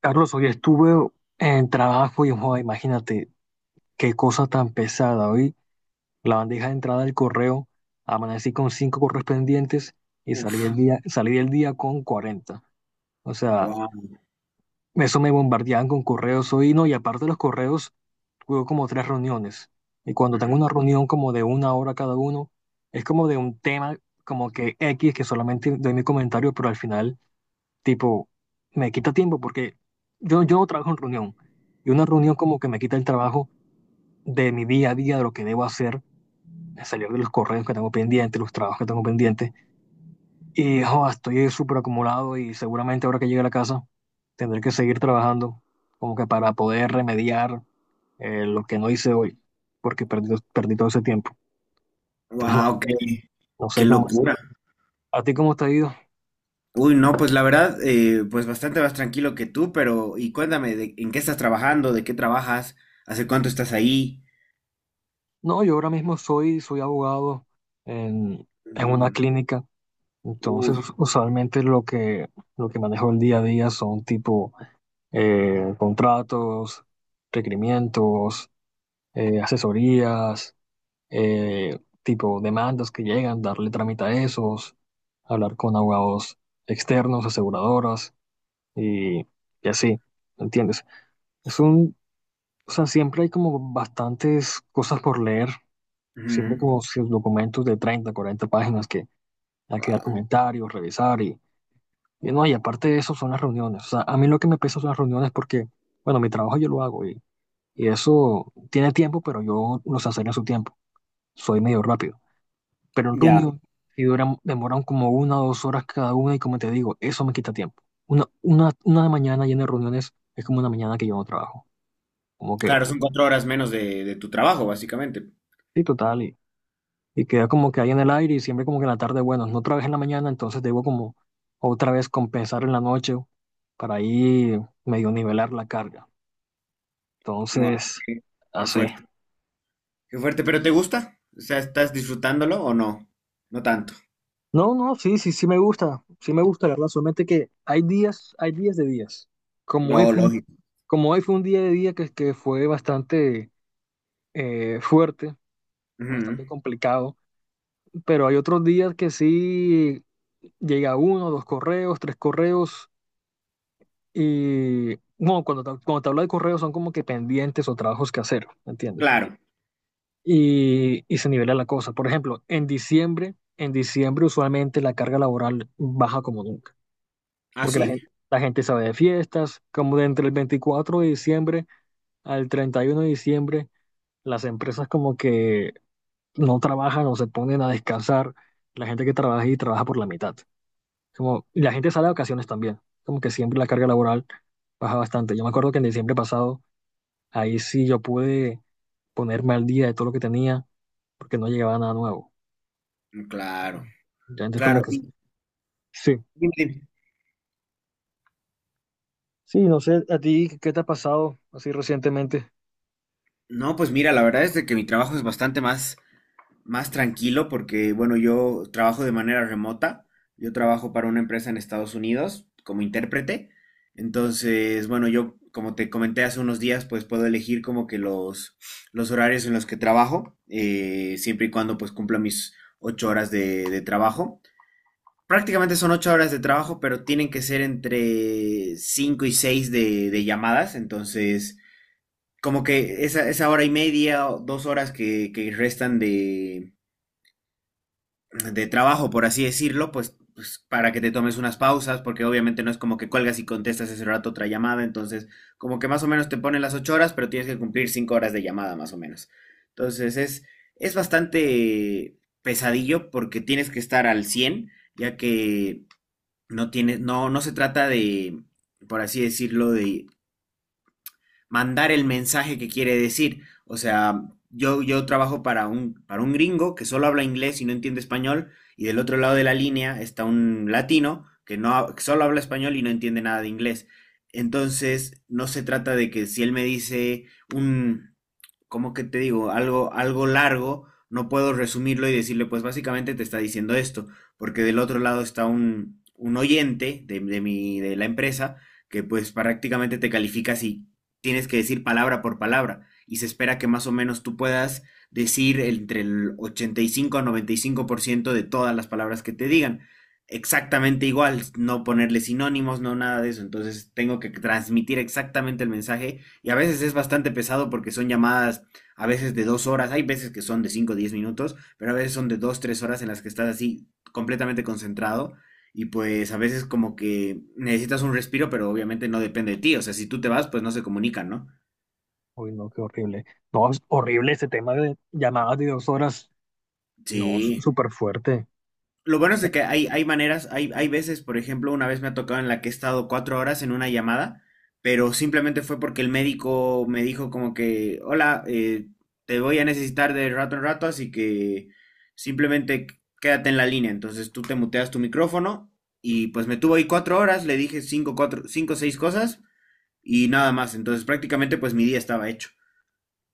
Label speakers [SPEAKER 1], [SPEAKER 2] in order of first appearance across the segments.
[SPEAKER 1] Carlos, hoy estuve en trabajo y, joder, imagínate qué cosa tan pesada. Hoy la bandeja de entrada del correo, amanecí con cinco correos pendientes y salí
[SPEAKER 2] Uf,
[SPEAKER 1] el día, salí del día con cuarenta. O sea,
[SPEAKER 2] wow,
[SPEAKER 1] eso me bombardeaban con correos hoy, no, y aparte de los correos, tuve como tres reuniones. Y cuando tengo una reunión como de una hora cada uno, es como de un tema como que X, que solamente doy mi comentario, pero al final tipo, me quita tiempo porque yo no trabajo en reunión. Y una reunión como que me quita el trabajo de mi día a día, de lo que debo hacer, de salir de los correos que tengo pendientes, los trabajos que tengo pendientes. Y joda, estoy súper acumulado y seguramente ahora que llegue a la casa tendré que seguir trabajando como que para poder remediar lo que no hice hoy, porque perdí todo ese tiempo. Entonces, no
[SPEAKER 2] wow,
[SPEAKER 1] sé,
[SPEAKER 2] qué,
[SPEAKER 1] no
[SPEAKER 2] qué
[SPEAKER 1] sé cómo hacer.
[SPEAKER 2] locura.
[SPEAKER 1] ¿A ti cómo te ha ido?
[SPEAKER 2] Uy, no, pues la verdad, pues bastante más tranquilo que tú, pero y cuéntame, ¿en qué estás trabajando? ¿De qué trabajas? ¿Hace cuánto estás ahí?
[SPEAKER 1] No, yo ahora mismo soy abogado en, en una
[SPEAKER 2] Mm,
[SPEAKER 1] clínica. Entonces,
[SPEAKER 2] uy,
[SPEAKER 1] usualmente lo que manejo el día a día son tipo contratos, requerimientos, asesorías, tipo demandas que llegan, darle trámite a esos, hablar con abogados externos, aseguradoras y, y así, ¿me entiendes? Es un, o sea, siempre hay como bastantes cosas por leer,
[SPEAKER 2] ujú,
[SPEAKER 1] siempre como sus documentos de 30 40 páginas que hay que dar
[SPEAKER 2] wow.
[SPEAKER 1] comentarios, revisar y... Y no, y aparte de eso son las reuniones. O sea, a mí lo que me pesa son las reuniones porque, bueno, mi trabajo yo lo hago y eso tiene tiempo, pero yo lo sé hacer en su tiempo. Soy medio rápido. Pero en
[SPEAKER 2] Ya.
[SPEAKER 1] reunión, si duran, demoran como una o dos horas cada una y como te digo, eso me quita tiempo. Una mañana llena de reuniones es como una mañana que yo no trabajo. Como que,
[SPEAKER 2] Claro, son cuatro horas menos de tu trabajo, básicamente.
[SPEAKER 1] sí, total. Y queda como que ahí en el aire y siempre como que en la tarde, bueno, no trabajé en la mañana, entonces debo como otra vez compensar en la noche para ahí medio nivelar la carga.
[SPEAKER 2] Wow,
[SPEAKER 1] Entonces,
[SPEAKER 2] qué, qué
[SPEAKER 1] así.
[SPEAKER 2] fuerte, qué fuerte, pero ¿te gusta? O sea, ¿estás disfrutándolo o no? No tanto.
[SPEAKER 1] No, no, sí, sí, sí me gusta. Sí me gusta, la verdad. Solamente que hay días de días. Como hoy
[SPEAKER 2] No,
[SPEAKER 1] fue, un-
[SPEAKER 2] lógico.
[SPEAKER 1] como hoy fue un día de día que fue bastante fuerte,
[SPEAKER 2] Ujú,
[SPEAKER 1] bastante complicado. Pero hay otros días que sí llega uno, dos correos, tres correos. Y bueno, cuando te hablo de correos son como que pendientes o trabajos que hacer, ¿me entiendes?
[SPEAKER 2] claro.
[SPEAKER 1] Y, y se nivela la cosa. Por ejemplo, en diciembre usualmente la carga laboral baja como nunca,
[SPEAKER 2] ¿Ah,
[SPEAKER 1] porque
[SPEAKER 2] sí?
[SPEAKER 1] la gente se de fiestas, como de entre el 24 de diciembre al 31 de diciembre, las empresas como que no trabajan o se ponen a descansar, la gente que trabaja y trabaja por la mitad. Como, y la gente sale de vacaciones también, como que siempre la carga laboral baja bastante. Yo me acuerdo que en diciembre pasado, ahí sí yo pude ponerme al día de todo lo que tenía, porque no llegaba nada nuevo.
[SPEAKER 2] Claro,
[SPEAKER 1] Entonces, como
[SPEAKER 2] claro.
[SPEAKER 1] que
[SPEAKER 2] Y,
[SPEAKER 1] sí,
[SPEAKER 2] dime, dime.
[SPEAKER 1] sí, no sé, a ti, ¿qué te ha pasado así recientemente?
[SPEAKER 2] No, pues mira, la verdad es de que mi trabajo es bastante más tranquilo porque, bueno, yo trabajo de manera remota. Yo trabajo para una empresa en Estados Unidos como intérprete. Entonces, bueno, yo, como te comenté hace unos días, pues puedo elegir como que los horarios en los que trabajo, siempre y cuando pues cumpla mis 8 horas de trabajo. Prácticamente son 8 horas de trabajo, pero tienen que ser entre cinco y seis de llamadas. Entonces, como que esa hora y media o 2 horas que restan de trabajo, por así decirlo, pues, para que te tomes unas pausas, porque obviamente no es como que cuelgas y contestas ese rato otra llamada, entonces como que más o menos te ponen las 8 horas, pero tienes que cumplir 5 horas de llamada más o menos. Entonces es bastante pesadillo porque tienes que estar al 100 ya que no tienes, no se trata de, por así decirlo, de mandar el mensaje que quiere decir. O sea, yo trabajo para para un gringo que solo habla inglés y no entiende español, y del otro lado de la línea está un latino que, no, que solo habla español y no entiende nada de inglés. Entonces, no se trata de que si él me dice un, ¿cómo que te digo? Algo largo, no puedo resumirlo y decirle, pues básicamente te está diciendo esto, porque del otro lado está un oyente de la empresa que pues prácticamente te califica si tienes que decir palabra por palabra y se espera que más o menos tú puedas decir entre el 85 a 95% de todas las palabras que te digan. Exactamente igual, no ponerle sinónimos, no nada de eso. Entonces tengo que transmitir exactamente el mensaje y a veces es bastante pesado porque son llamadas a veces de 2 horas, hay veces que son de cinco o 10 minutos, pero a veces son de 2, 3 horas en las que estás así completamente concentrado y pues a veces como que necesitas un respiro, pero obviamente no depende de ti. O sea, si tú te vas, pues no se comunican, ¿no?
[SPEAKER 1] Uy, no, qué horrible. No, es horrible ese tema de llamadas de dos horas. No,
[SPEAKER 2] Sí.
[SPEAKER 1] súper fuerte.
[SPEAKER 2] Lo bueno es de que hay maneras, hay veces, por ejemplo, una vez me ha tocado en la que he estado 4 horas en una llamada, pero simplemente fue porque el médico me dijo como que, hola, te voy a necesitar de rato en rato, así que simplemente quédate en la línea. Entonces tú te muteas tu micrófono y pues me tuvo ahí 4 horas, le dije cinco, cuatro, cinco, seis cosas y nada más. Entonces prácticamente pues mi día estaba hecho.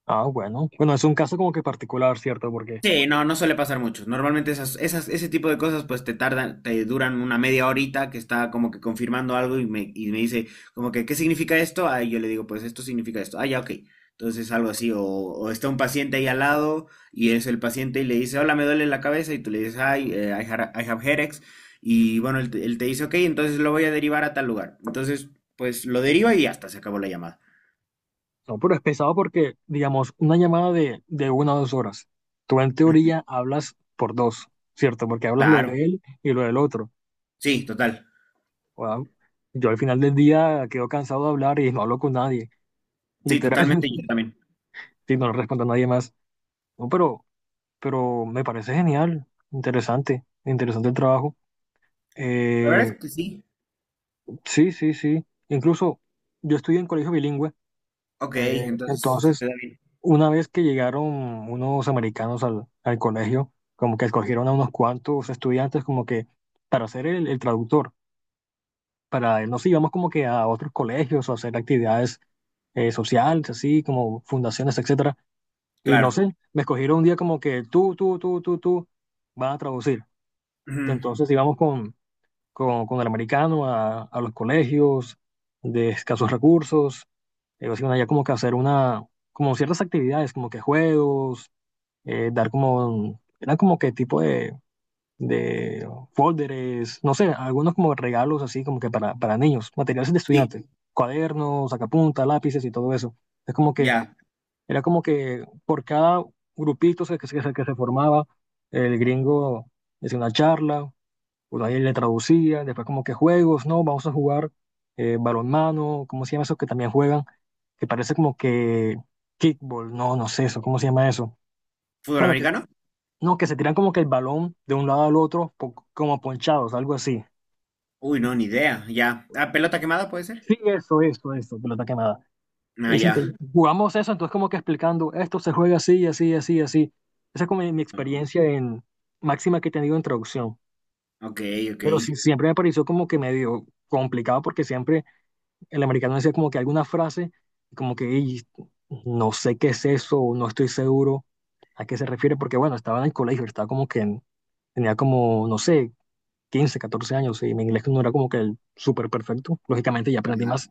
[SPEAKER 1] Ah, bueno. Bueno, es un caso como que particular, ¿cierto? Porque,
[SPEAKER 2] Sí, no suele pasar mucho. Normalmente ese tipo de cosas pues te tardan, te duran una media horita que está como que confirmando algo y me dice como que, ¿qué significa esto? Ah, y yo le digo, pues esto significa esto. Ah, ya, ok. Entonces algo así, o está un paciente ahí al lado y es el paciente y le dice, hola, me duele la cabeza y tú le dices, ay, I have headaches. Y bueno, él te dice, ok, entonces lo voy a derivar a tal lugar. Entonces, pues lo deriva y hasta se acabó la llamada.
[SPEAKER 1] no, pero es pesado porque, digamos, una llamada de una o dos horas. Tú en
[SPEAKER 2] Ujú.
[SPEAKER 1] teoría hablas por dos, ¿cierto? Porque hablas lo
[SPEAKER 2] Claro,
[SPEAKER 1] de él y lo del otro.
[SPEAKER 2] sí, total.
[SPEAKER 1] Wao. Yo al final del día quedo cansado de hablar y no hablo con nadie,
[SPEAKER 2] Sí,
[SPEAKER 1] literal,
[SPEAKER 2] totalmente, yo también.
[SPEAKER 1] si no le respondo a nadie más. No, pero me parece genial, interesante, interesante el trabajo.
[SPEAKER 2] La verdad
[SPEAKER 1] Eh,
[SPEAKER 2] es que sí.
[SPEAKER 1] sí, sí, sí. Incluso yo estudié en colegio bilingüe,
[SPEAKER 2] Ok, entonces se te
[SPEAKER 1] entonces
[SPEAKER 2] da bien.
[SPEAKER 1] una vez que llegaron unos americanos al, al colegio, como que escogieron a unos cuantos estudiantes como que para ser el traductor, para nos íbamos como que a otros colegios o hacer actividades sociales, así como fundaciones, etcétera. Y no
[SPEAKER 2] Claro.
[SPEAKER 1] sé, me escogieron un día como que tú, van a traducir.
[SPEAKER 2] Ujú,
[SPEAKER 1] Entonces íbamos con el americano a los colegios de escasos recursos, básicamente ya como que hacer una, como ciertas actividades, como que juegos, dar como, eran como que tipo de folders, no sé, algunos como regalos así como que para niños, materiales de
[SPEAKER 2] sí,
[SPEAKER 1] estudiantes, cuadernos, sacapuntas, lápices y todo eso. Es como que,
[SPEAKER 2] ya.
[SPEAKER 1] era como que por cada grupito se- que se formaba, el gringo hacía una charla, pues ahí le traducía, después como que juegos, ¿no? Vamos a jugar balonmano, ¿cómo se llama eso que también juegan? Que parece como que kickball, no, no sé eso, ¿cómo se llama eso?
[SPEAKER 2] ¿Fútbol
[SPEAKER 1] Bueno, que,
[SPEAKER 2] americano?
[SPEAKER 1] no, que se tiran como que el balón de un lado al otro, como ponchados, algo así.
[SPEAKER 2] Uy, no, ni idea. Ya. Ah, ¿pelota quemada puede ser?
[SPEAKER 1] Sí, eso, pelota quemada.
[SPEAKER 2] Ah,
[SPEAKER 1] Y sí,
[SPEAKER 2] ya.
[SPEAKER 1] entonces, jugamos eso, entonces como que explicando, esto se juega así, así, así, así. Esa es como mi
[SPEAKER 2] Ah,
[SPEAKER 1] experiencia en máxima que he tenido en traducción.
[SPEAKER 2] ok, ok.
[SPEAKER 1] Pero sí, siempre me pareció como que medio complicado porque siempre el americano decía como que alguna frase, como que "Ey, no sé qué es eso, o no estoy seguro a qué se refiere", porque bueno, estaba en el colegio, estaba como que en- tenía como, no sé, 15, 14 años y mi inglés no era como que el súper perfecto. Lógicamente ya aprendí más,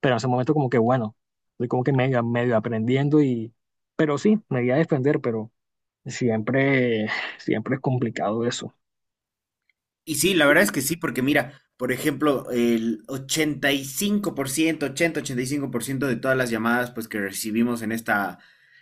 [SPEAKER 1] pero en ese momento como que bueno, estoy como que medio, medio aprendiendo y, pero sí, me voy a defender, pero siempre, siempre es complicado eso.
[SPEAKER 2] Y sí, la verdad es que sí, porque mira, por ejemplo, el ochenta y cinco por ciento ochenta-ochenta y cinco por ciento de todas las llamadas pues que recibimos en esta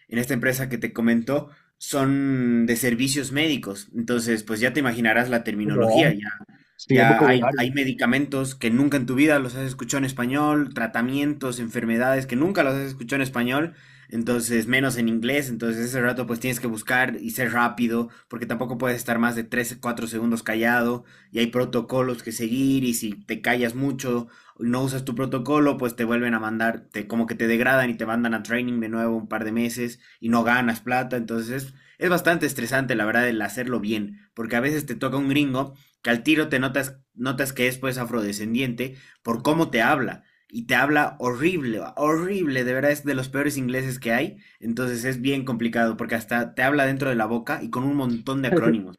[SPEAKER 2] en esta empresa que te comento son de servicios médicos. Entonces, pues ya te imaginarás la
[SPEAKER 1] No,
[SPEAKER 2] terminología, ya
[SPEAKER 1] sí es
[SPEAKER 2] ya hay
[SPEAKER 1] vocabulario.
[SPEAKER 2] hay medicamentos que nunca en tu vida los has escuchado en español, tratamientos, enfermedades que nunca los has escuchado en español, entonces menos en inglés, entonces ese rato pues tienes que buscar y ser rápido, porque tampoco puedes estar más de 3 4 segundos callado y hay protocolos que seguir y si te callas mucho, no usas tu protocolo, pues te vuelven a mandar, como que te degradan y te mandan a training de nuevo un par de meses y no ganas plata, entonces es bastante estresante la verdad el hacerlo bien, porque a veces te toca un gringo que al tiro notas que es pues afrodescendiente por cómo te habla. Y te habla horrible, horrible, de verdad es de los peores ingleses que hay. Entonces es bien complicado porque hasta te habla dentro de la boca y con un montón de acrónimos.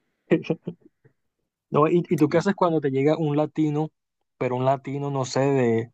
[SPEAKER 1] No, y tú qué haces cuando te llega un latino, pero un latino, no sé, de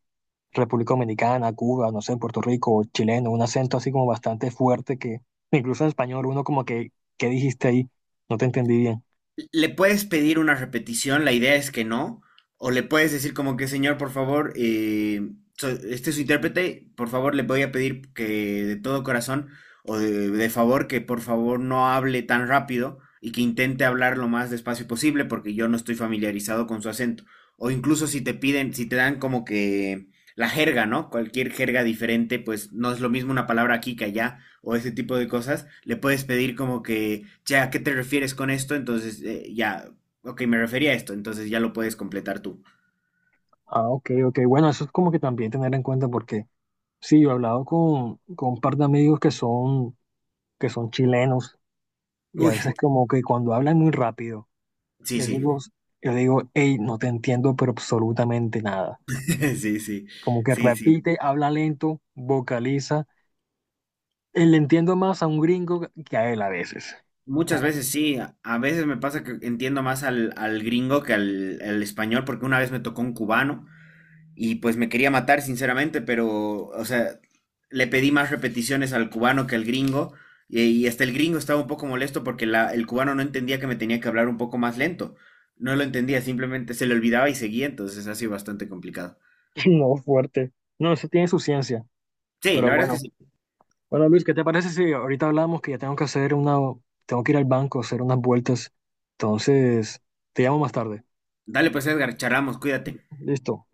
[SPEAKER 1] República Dominicana, Cuba, no sé, Puerto Rico, chileno, un acento así como bastante fuerte que incluso en español uno como que, ¿qué dijiste ahí? No te entendí bien.
[SPEAKER 2] Le puedes pedir una repetición, la idea es que no, o le puedes decir como que, señor, por favor, este es su intérprete, por favor, le voy a pedir que de todo corazón o de favor que por favor no hable tan rápido y que intente hablar lo más despacio posible porque yo no estoy familiarizado con su acento. O incluso si te piden, si te dan como que la jerga, ¿no? Cualquier jerga diferente, pues no es lo mismo una palabra aquí que allá o ese tipo de cosas, le puedes pedir como que, ya, ¿a qué te refieres con esto? Entonces, ya, ok, me refería a esto, entonces ya lo puedes completar tú.
[SPEAKER 1] Ah, ok, ok. Bueno, eso es como que también tener en cuenta porque sí, yo he hablado con un par de amigos que son chilenos y a
[SPEAKER 2] Uy,
[SPEAKER 1] veces como que cuando hablan muy rápido,
[SPEAKER 2] sí,
[SPEAKER 1] les
[SPEAKER 2] sí,
[SPEAKER 1] digo, yo digo, hey, no te entiendo, pero absolutamente nada.
[SPEAKER 2] sí, sí,
[SPEAKER 1] Como que
[SPEAKER 2] sí, sí.
[SPEAKER 1] repite, habla lento, vocaliza. Le entiendo más a un gringo que a él a veces.
[SPEAKER 2] Muchas
[SPEAKER 1] Como que,
[SPEAKER 2] veces sí, a veces me pasa que entiendo más al gringo que al español, porque una vez me tocó un cubano y pues me quería matar, sinceramente, pero, o sea, le pedí más repeticiones al cubano que al gringo. Y hasta el gringo estaba un poco molesto porque el cubano no entendía que me tenía que hablar un poco más lento. No lo entendía, simplemente se le olvidaba y seguía, entonces ha sido bastante complicado.
[SPEAKER 1] no, fuerte. No, eso tiene su ciencia.
[SPEAKER 2] Sí, la
[SPEAKER 1] Pero
[SPEAKER 2] verdad es que
[SPEAKER 1] bueno,
[SPEAKER 2] sí.
[SPEAKER 1] bueno, Luis, ¿qué te parece si ahorita hablamos que ya tengo que hacer una, tengo que ir al banco, hacer unas vueltas? Entonces, te llamo más tarde.
[SPEAKER 2] Dale pues Edgar, charlamos, cuídate.
[SPEAKER 1] Listo.